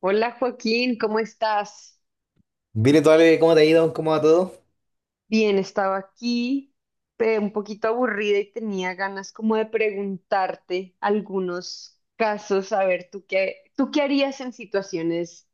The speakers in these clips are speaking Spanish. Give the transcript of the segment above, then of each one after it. Hola Joaquín, ¿cómo estás? Vire, Ale, ¿cómo te ha ido? ¿Cómo va todo? Bien, estaba aquí un poquito aburrida y tenía ganas como de preguntarte algunos casos. A ver, tú qué harías en situaciones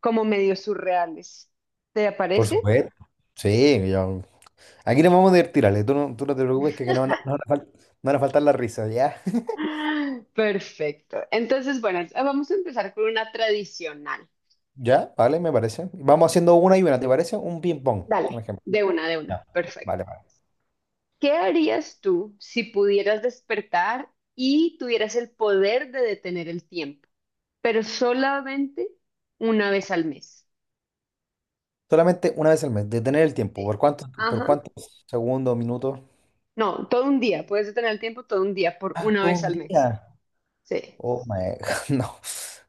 como medio surreales. ¿Te Por parece? supuesto. Sí, yo- Aquí nos vamos a divertir, Ale. Tú no te preocupes que no, no no van a faltar las risas, ¿ya? ¡Ah! Perfecto. Entonces, bueno, vamos a empezar con una tradicional. Ya, vale, me parece. Vamos haciendo una y una, ¿te parece? Un ping-pong, un Dale, ejemplo. De una. Ya. Perfecto. Vale, vale. ¿Qué harías tú si pudieras despertar y tuvieras el poder de detener el tiempo? Pero solamente una vez al mes. Solamente una vez al mes, detener el tiempo. Sí. ¿Por cuántos, por Ajá. cuántos segundos, minutos? No, todo un día. Puedes detener el tiempo todo un día por una Todo vez un al mes. día. Sí. Oh my God, no.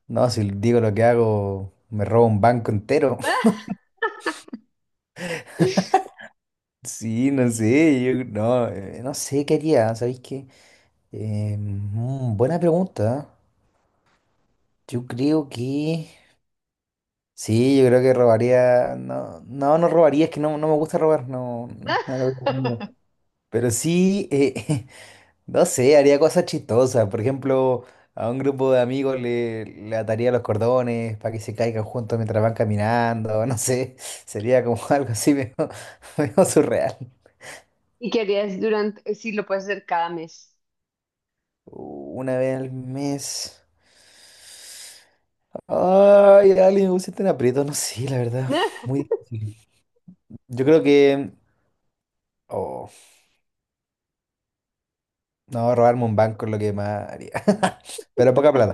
No, si digo lo que hago, me robo un banco entero. Sí, no sé, yo no, no sé qué haría, ¿sabéis qué? Buena pregunta, ¿eh? Yo creo que... Sí, yo creo que robaría... no robaría, es que no me gusta robar, no, no es lo que tengo. Pero sí, no sé, haría cosas chistosas. Por ejemplo, a un grupo de amigos le ataría los cordones para que se caigan juntos mientras van caminando, no sé. Sería como algo así medio, medio surreal. ¿Y que harías durante? Sí, lo puedes hacer cada mes. Una vez al mes... Ay, alguien me pusiste en aprieto, no sé, la verdad. Muy difícil. Yo creo que. Oh, no, robarme un banco es lo que más haría. Pero poca plata,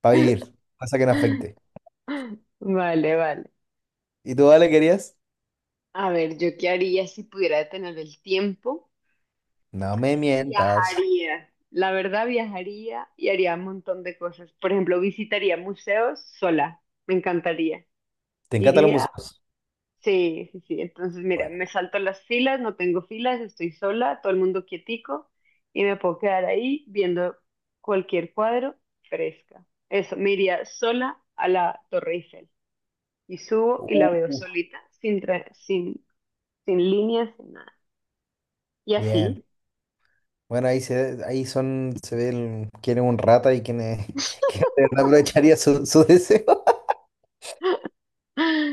para vivir, cosa que no afecte. Vale, vale. ¿Y tú, Ale, querías? A ver, ¿yo qué haría si pudiera detener el tiempo? No me mientas. Viajaría. La verdad, viajaría y haría un montón de cosas. Por ejemplo, visitaría museos sola. Me encantaría. ¿Te encantan los Iría. museos? Sí, sí, sí. Entonces, mira, Bueno. me salto las filas, no tengo filas, estoy sola, todo el mundo quietico y me puedo quedar ahí viendo cualquier cuadro fresca. Eso, me iría sola a la Torre Eiffel y subo y Uh, la veo uh, solita, sin líneas, sin nada. Y bien. así. Bueno, ahí son, se ve quién es un rata y quién es, quién de verdad aprovecharía su deseo.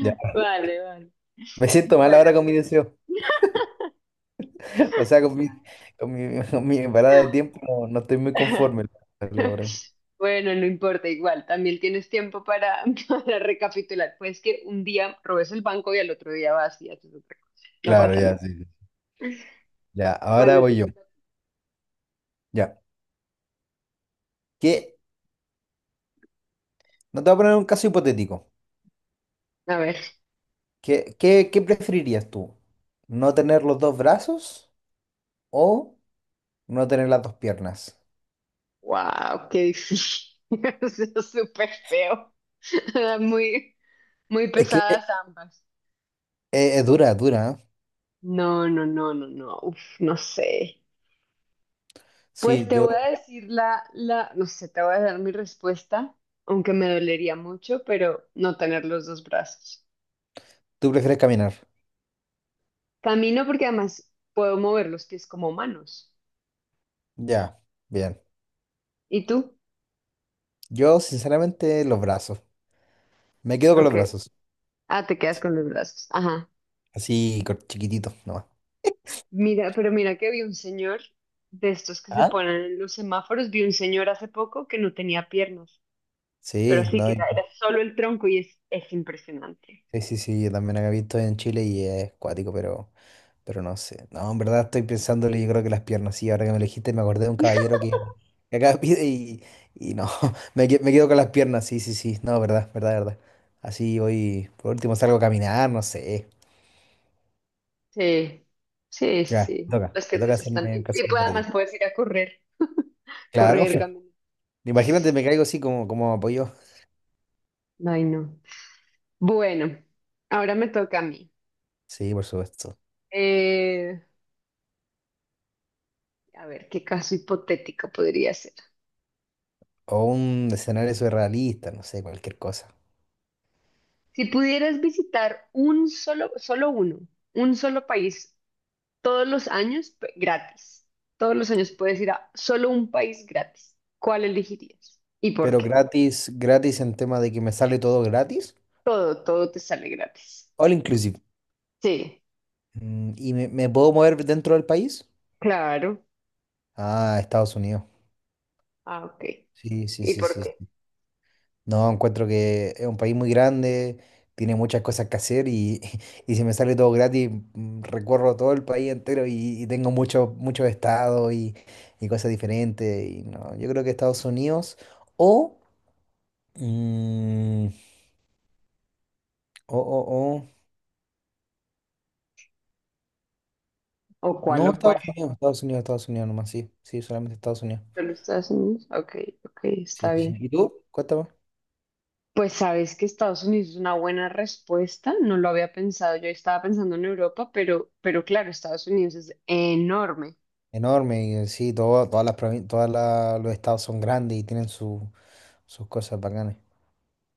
Ya. Vale, vale. Me siento mal Bueno, ahora con mi deseo. O sea, con mi parada de tiempo no, no estoy muy conforme, la verdad, ahora. bueno, no importa, igual, también tienes tiempo para, para recapitular. Pues que un día robes el banco y al otro día vas y haces otra cosa. No Claro, pasa ya, nada. sí, sí. Ya, ahora Bueno, te voy yo. toca. Ya. ¿Qué? No te voy a poner un caso hipotético. A ver, ¿Qué preferirías tú? ¿No tener los dos brazos o no tener las dos piernas? wow, qué difícil. Eso es súper feo. Muy, muy Es que pesadas ambas. es, dura, es dura, ¿eh? No, no, no, no, no. Uf, no sé. Pues Sí, te yo, voy a decir no sé, te voy a dar mi respuesta, aunque me dolería mucho, pero no tener los dos brazos. tú prefieres caminar. Camino porque además puedo mover los pies como manos. Ya, bien. ¿Y tú? Yo, sinceramente, los brazos. Me quedo con los Ok. brazos. Ah, te quedas Sí. con los brazos. Ajá. Así, chiquitito, nomás. Mira, pero mira que vi un señor de estos que se ¿Ah? ponen en los semáforos, vi un señor hace poco que no tenía piernas, pero Sí, así que no, era, era solo el tronco y es impresionante. sí, sí, sí, yo también había visto en Chile y es cuático, pero no sé. No, en verdad estoy pensándole, yo creo que las piernas, sí, ahora que me elegiste me acordé de un caballero que acá pide y no, me quedo con las piernas, sí, sí, sí, no, verdad, verdad, verdad. Así voy, por último salgo a caminar, no sé. Sí, sí, Ya, sí, las te toca piernas están... hacerme Y, un caso y puede- además hipotético. puedes ir a correr, Claro, correr, caminar. imagínate, me caigo así como, como apoyo. Ay, no. Bueno, ahora me toca a mí. Sí, por supuesto. Eh, a ver, ¿qué caso hipotético podría ser? O un escenario surrealista, no sé, cualquier cosa. Si pudieras visitar solo uno, un solo país todos los años p- gratis. Todos los años puedes ir a solo un país gratis. ¿Cuál elegirías? ¿Y por Pero qué? gratis, gratis en tema de que me sale todo gratis. Todo, todo te sale gratis. All inclusive. Sí, Mm, ¿y me puedo mover dentro del país? claro. Ah, Estados Unidos. Ah, ok. Sí, sí, ¿Y sí, por sí, qué? sí. No, encuentro que es un país muy grande, tiene muchas cosas que hacer y, y si me sale todo gratis, mm, recorro todo el país entero y tengo muchos muchos estados y cosas diferentes. Y no, yo creo que Estados Unidos o, mm, o, o, o- ¿O cuál no, o Estados cuál? Unidos, Estados Unidos, Estados Unidos nomás, sí, sí, solamente Estados Unidos. ¿Solo Estados Unidos? Ok, ok, Sí, está sí, bien. sí. ¿Y tú? Cuéntame. Pues sabes que Estados Unidos es una buena respuesta, no lo había pensado, yo estaba pensando en Europa, pero claro, Estados Unidos es enorme. Enorme, y sí, todas todas los estados son grandes y tienen sus cosas bacanas.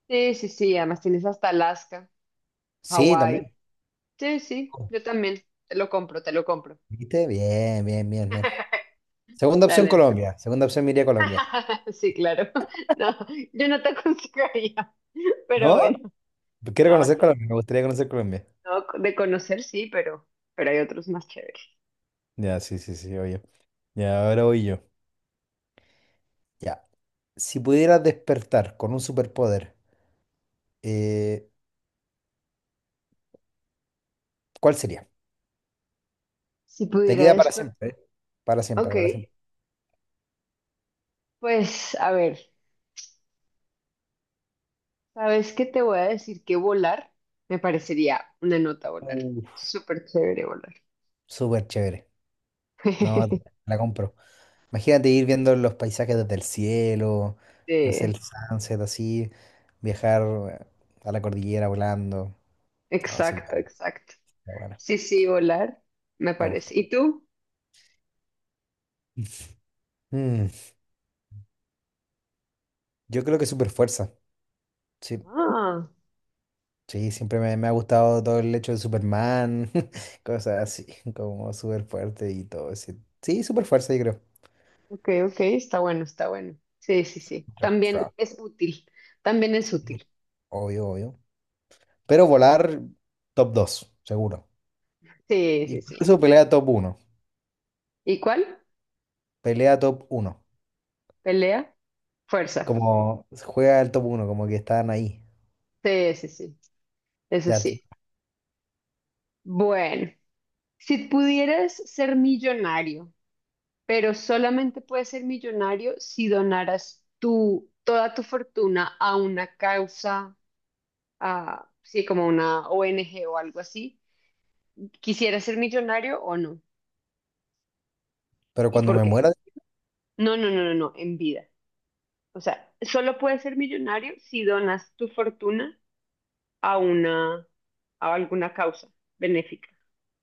Sí, sí, sí, además tienes hasta Alaska, Sí, también. Hawái. Sí, sí, Oh, yo también, te lo compro, te lo compro. ¿viste? Bien, bien, bien, bien. Segunda opción, Dale. Colombia. Segunda opción, me iría a Colombia. Sí, claro. No, yo no te aconsejaría, pero ¿No? bueno, Quiero no, conocer sí. Colombia, me gustaría conocer Colombia. No, de conocer sí, pero hay otros más chéveres. Ya, sí, sí, sí, oye. Ya, ahora voy yo. Ya. Si pudieras despertar con un superpoder, eh, ¿cuál sería? Si Te pudiera queda para despertar. siempre, ¿eh? Para siempre, Ok, para siempre. pues a ver, ¿sabes qué te voy a decir? Que volar me parecería una nota volar. Uh, Súper chévere volar. súper chévere. No, la compro. Imagínate ir viendo los paisajes desde el cielo, no sé, el Sí, sunset así, viajar eh, a la cordillera volando. No, sería exacto, exacto. bueno, Sí, sí, volar me me gusta. parece. ¿Y tú? Mm, yo creo que super fuerza. Sí, Ah, sí, siempre me ha gustado todo el hecho de Superman, cosas así, como super fuerte y todo ese. Sí, super fuerza, yo creo. ok, ok, está bueno, está bueno. Sí, sí, sí. También Strong. es útil, también es útil. Obvio, obvio. Pero volar top 2, seguro. Sí, sí, sí. Incluso pelea top uno, ¿Y cuál? pelea top uno. Pelea, fuerza. Como juega el top uno como que están ahí. Sí, sí, sí. Eso Ya, t- sí. Bueno, si pudieras ser millonario, pero solamente puedes ser millonario si donaras toda tu fortuna a una causa, a, sí, como una ONG o algo así, ¿quisieras ser millonario o no? pero ¿Y cuando por me qué? muera. No, no, no, no, no, en vida. O sea, solo puedes ser millonario si donas tu fortuna a una, a alguna causa benéfica.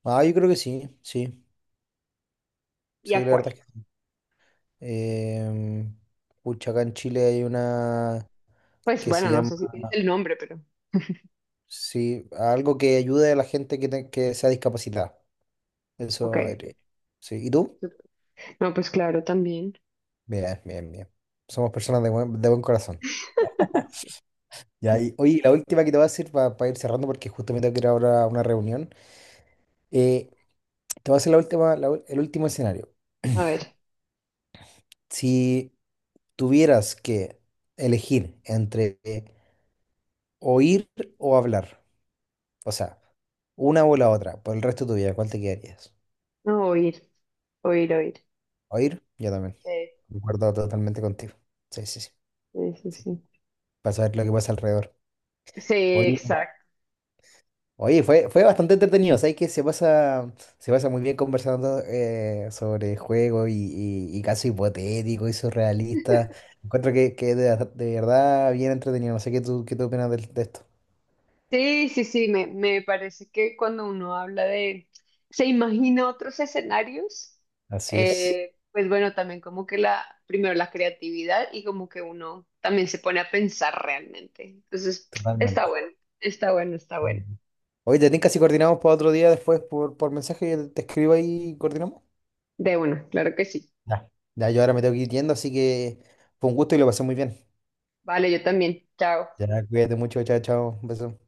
Ah, yo creo que sí, sí. ¿Y Sí, la a cuál? verdad es que sí. Em, pucha, acá en Chile hay una Pues que se bueno, no llama. sé si tienes el nombre, pero Sí, algo que ayude a la gente que sea discapacitada. ok, Eso ok. haré. Sí. ¿Y tú? No, pues claro, también. Bien, bien, bien. Somos personas de buen corazón. Sí. Ya, y, oye, la última que te voy a hacer para ir cerrando, porque justo me tengo que ir ahora a una reunión. Eh, te voy a hacer la última, el último escenario. A ver, Si tuvieras que elegir entre oír o hablar, o sea, una o la otra, por el resto de tu vida, ¿cuál te quedarías? no, oír, oír, oír. ¿Oír? Yo también. Sí, Concuerdo totalmente contigo. Sí, sí, sí, sí, sí. sí. Sí, Para saber lo que pasa alrededor. sí, Oye, exacto. oye, fue bastante entretenido. Sabes que se pasa muy bien conversando sobre juegos y casos hipotéticos y surrealistas. Encuentro que de verdad bien entretenido. No sé qué tú opinas de esto. Sí, sí, sí, me parece que cuando uno habla de, se imagina otros escenarios. Así es. Pues bueno, también como que la, primero la creatividad y como que uno también se pone a pensar realmente. Entonces, está Totalmente. bueno, está bueno, está bueno. Oye, te tinca si coordinamos para otro día después por mensaje, te escribo ahí y coordinamos. De uno, claro que sí. Ya, ya, yo ahora me tengo que ir yendo, así que fue un gusto y lo pasé muy bien. Vale, yo también. Chao. Ya, cuídate mucho, chao, chao, un beso.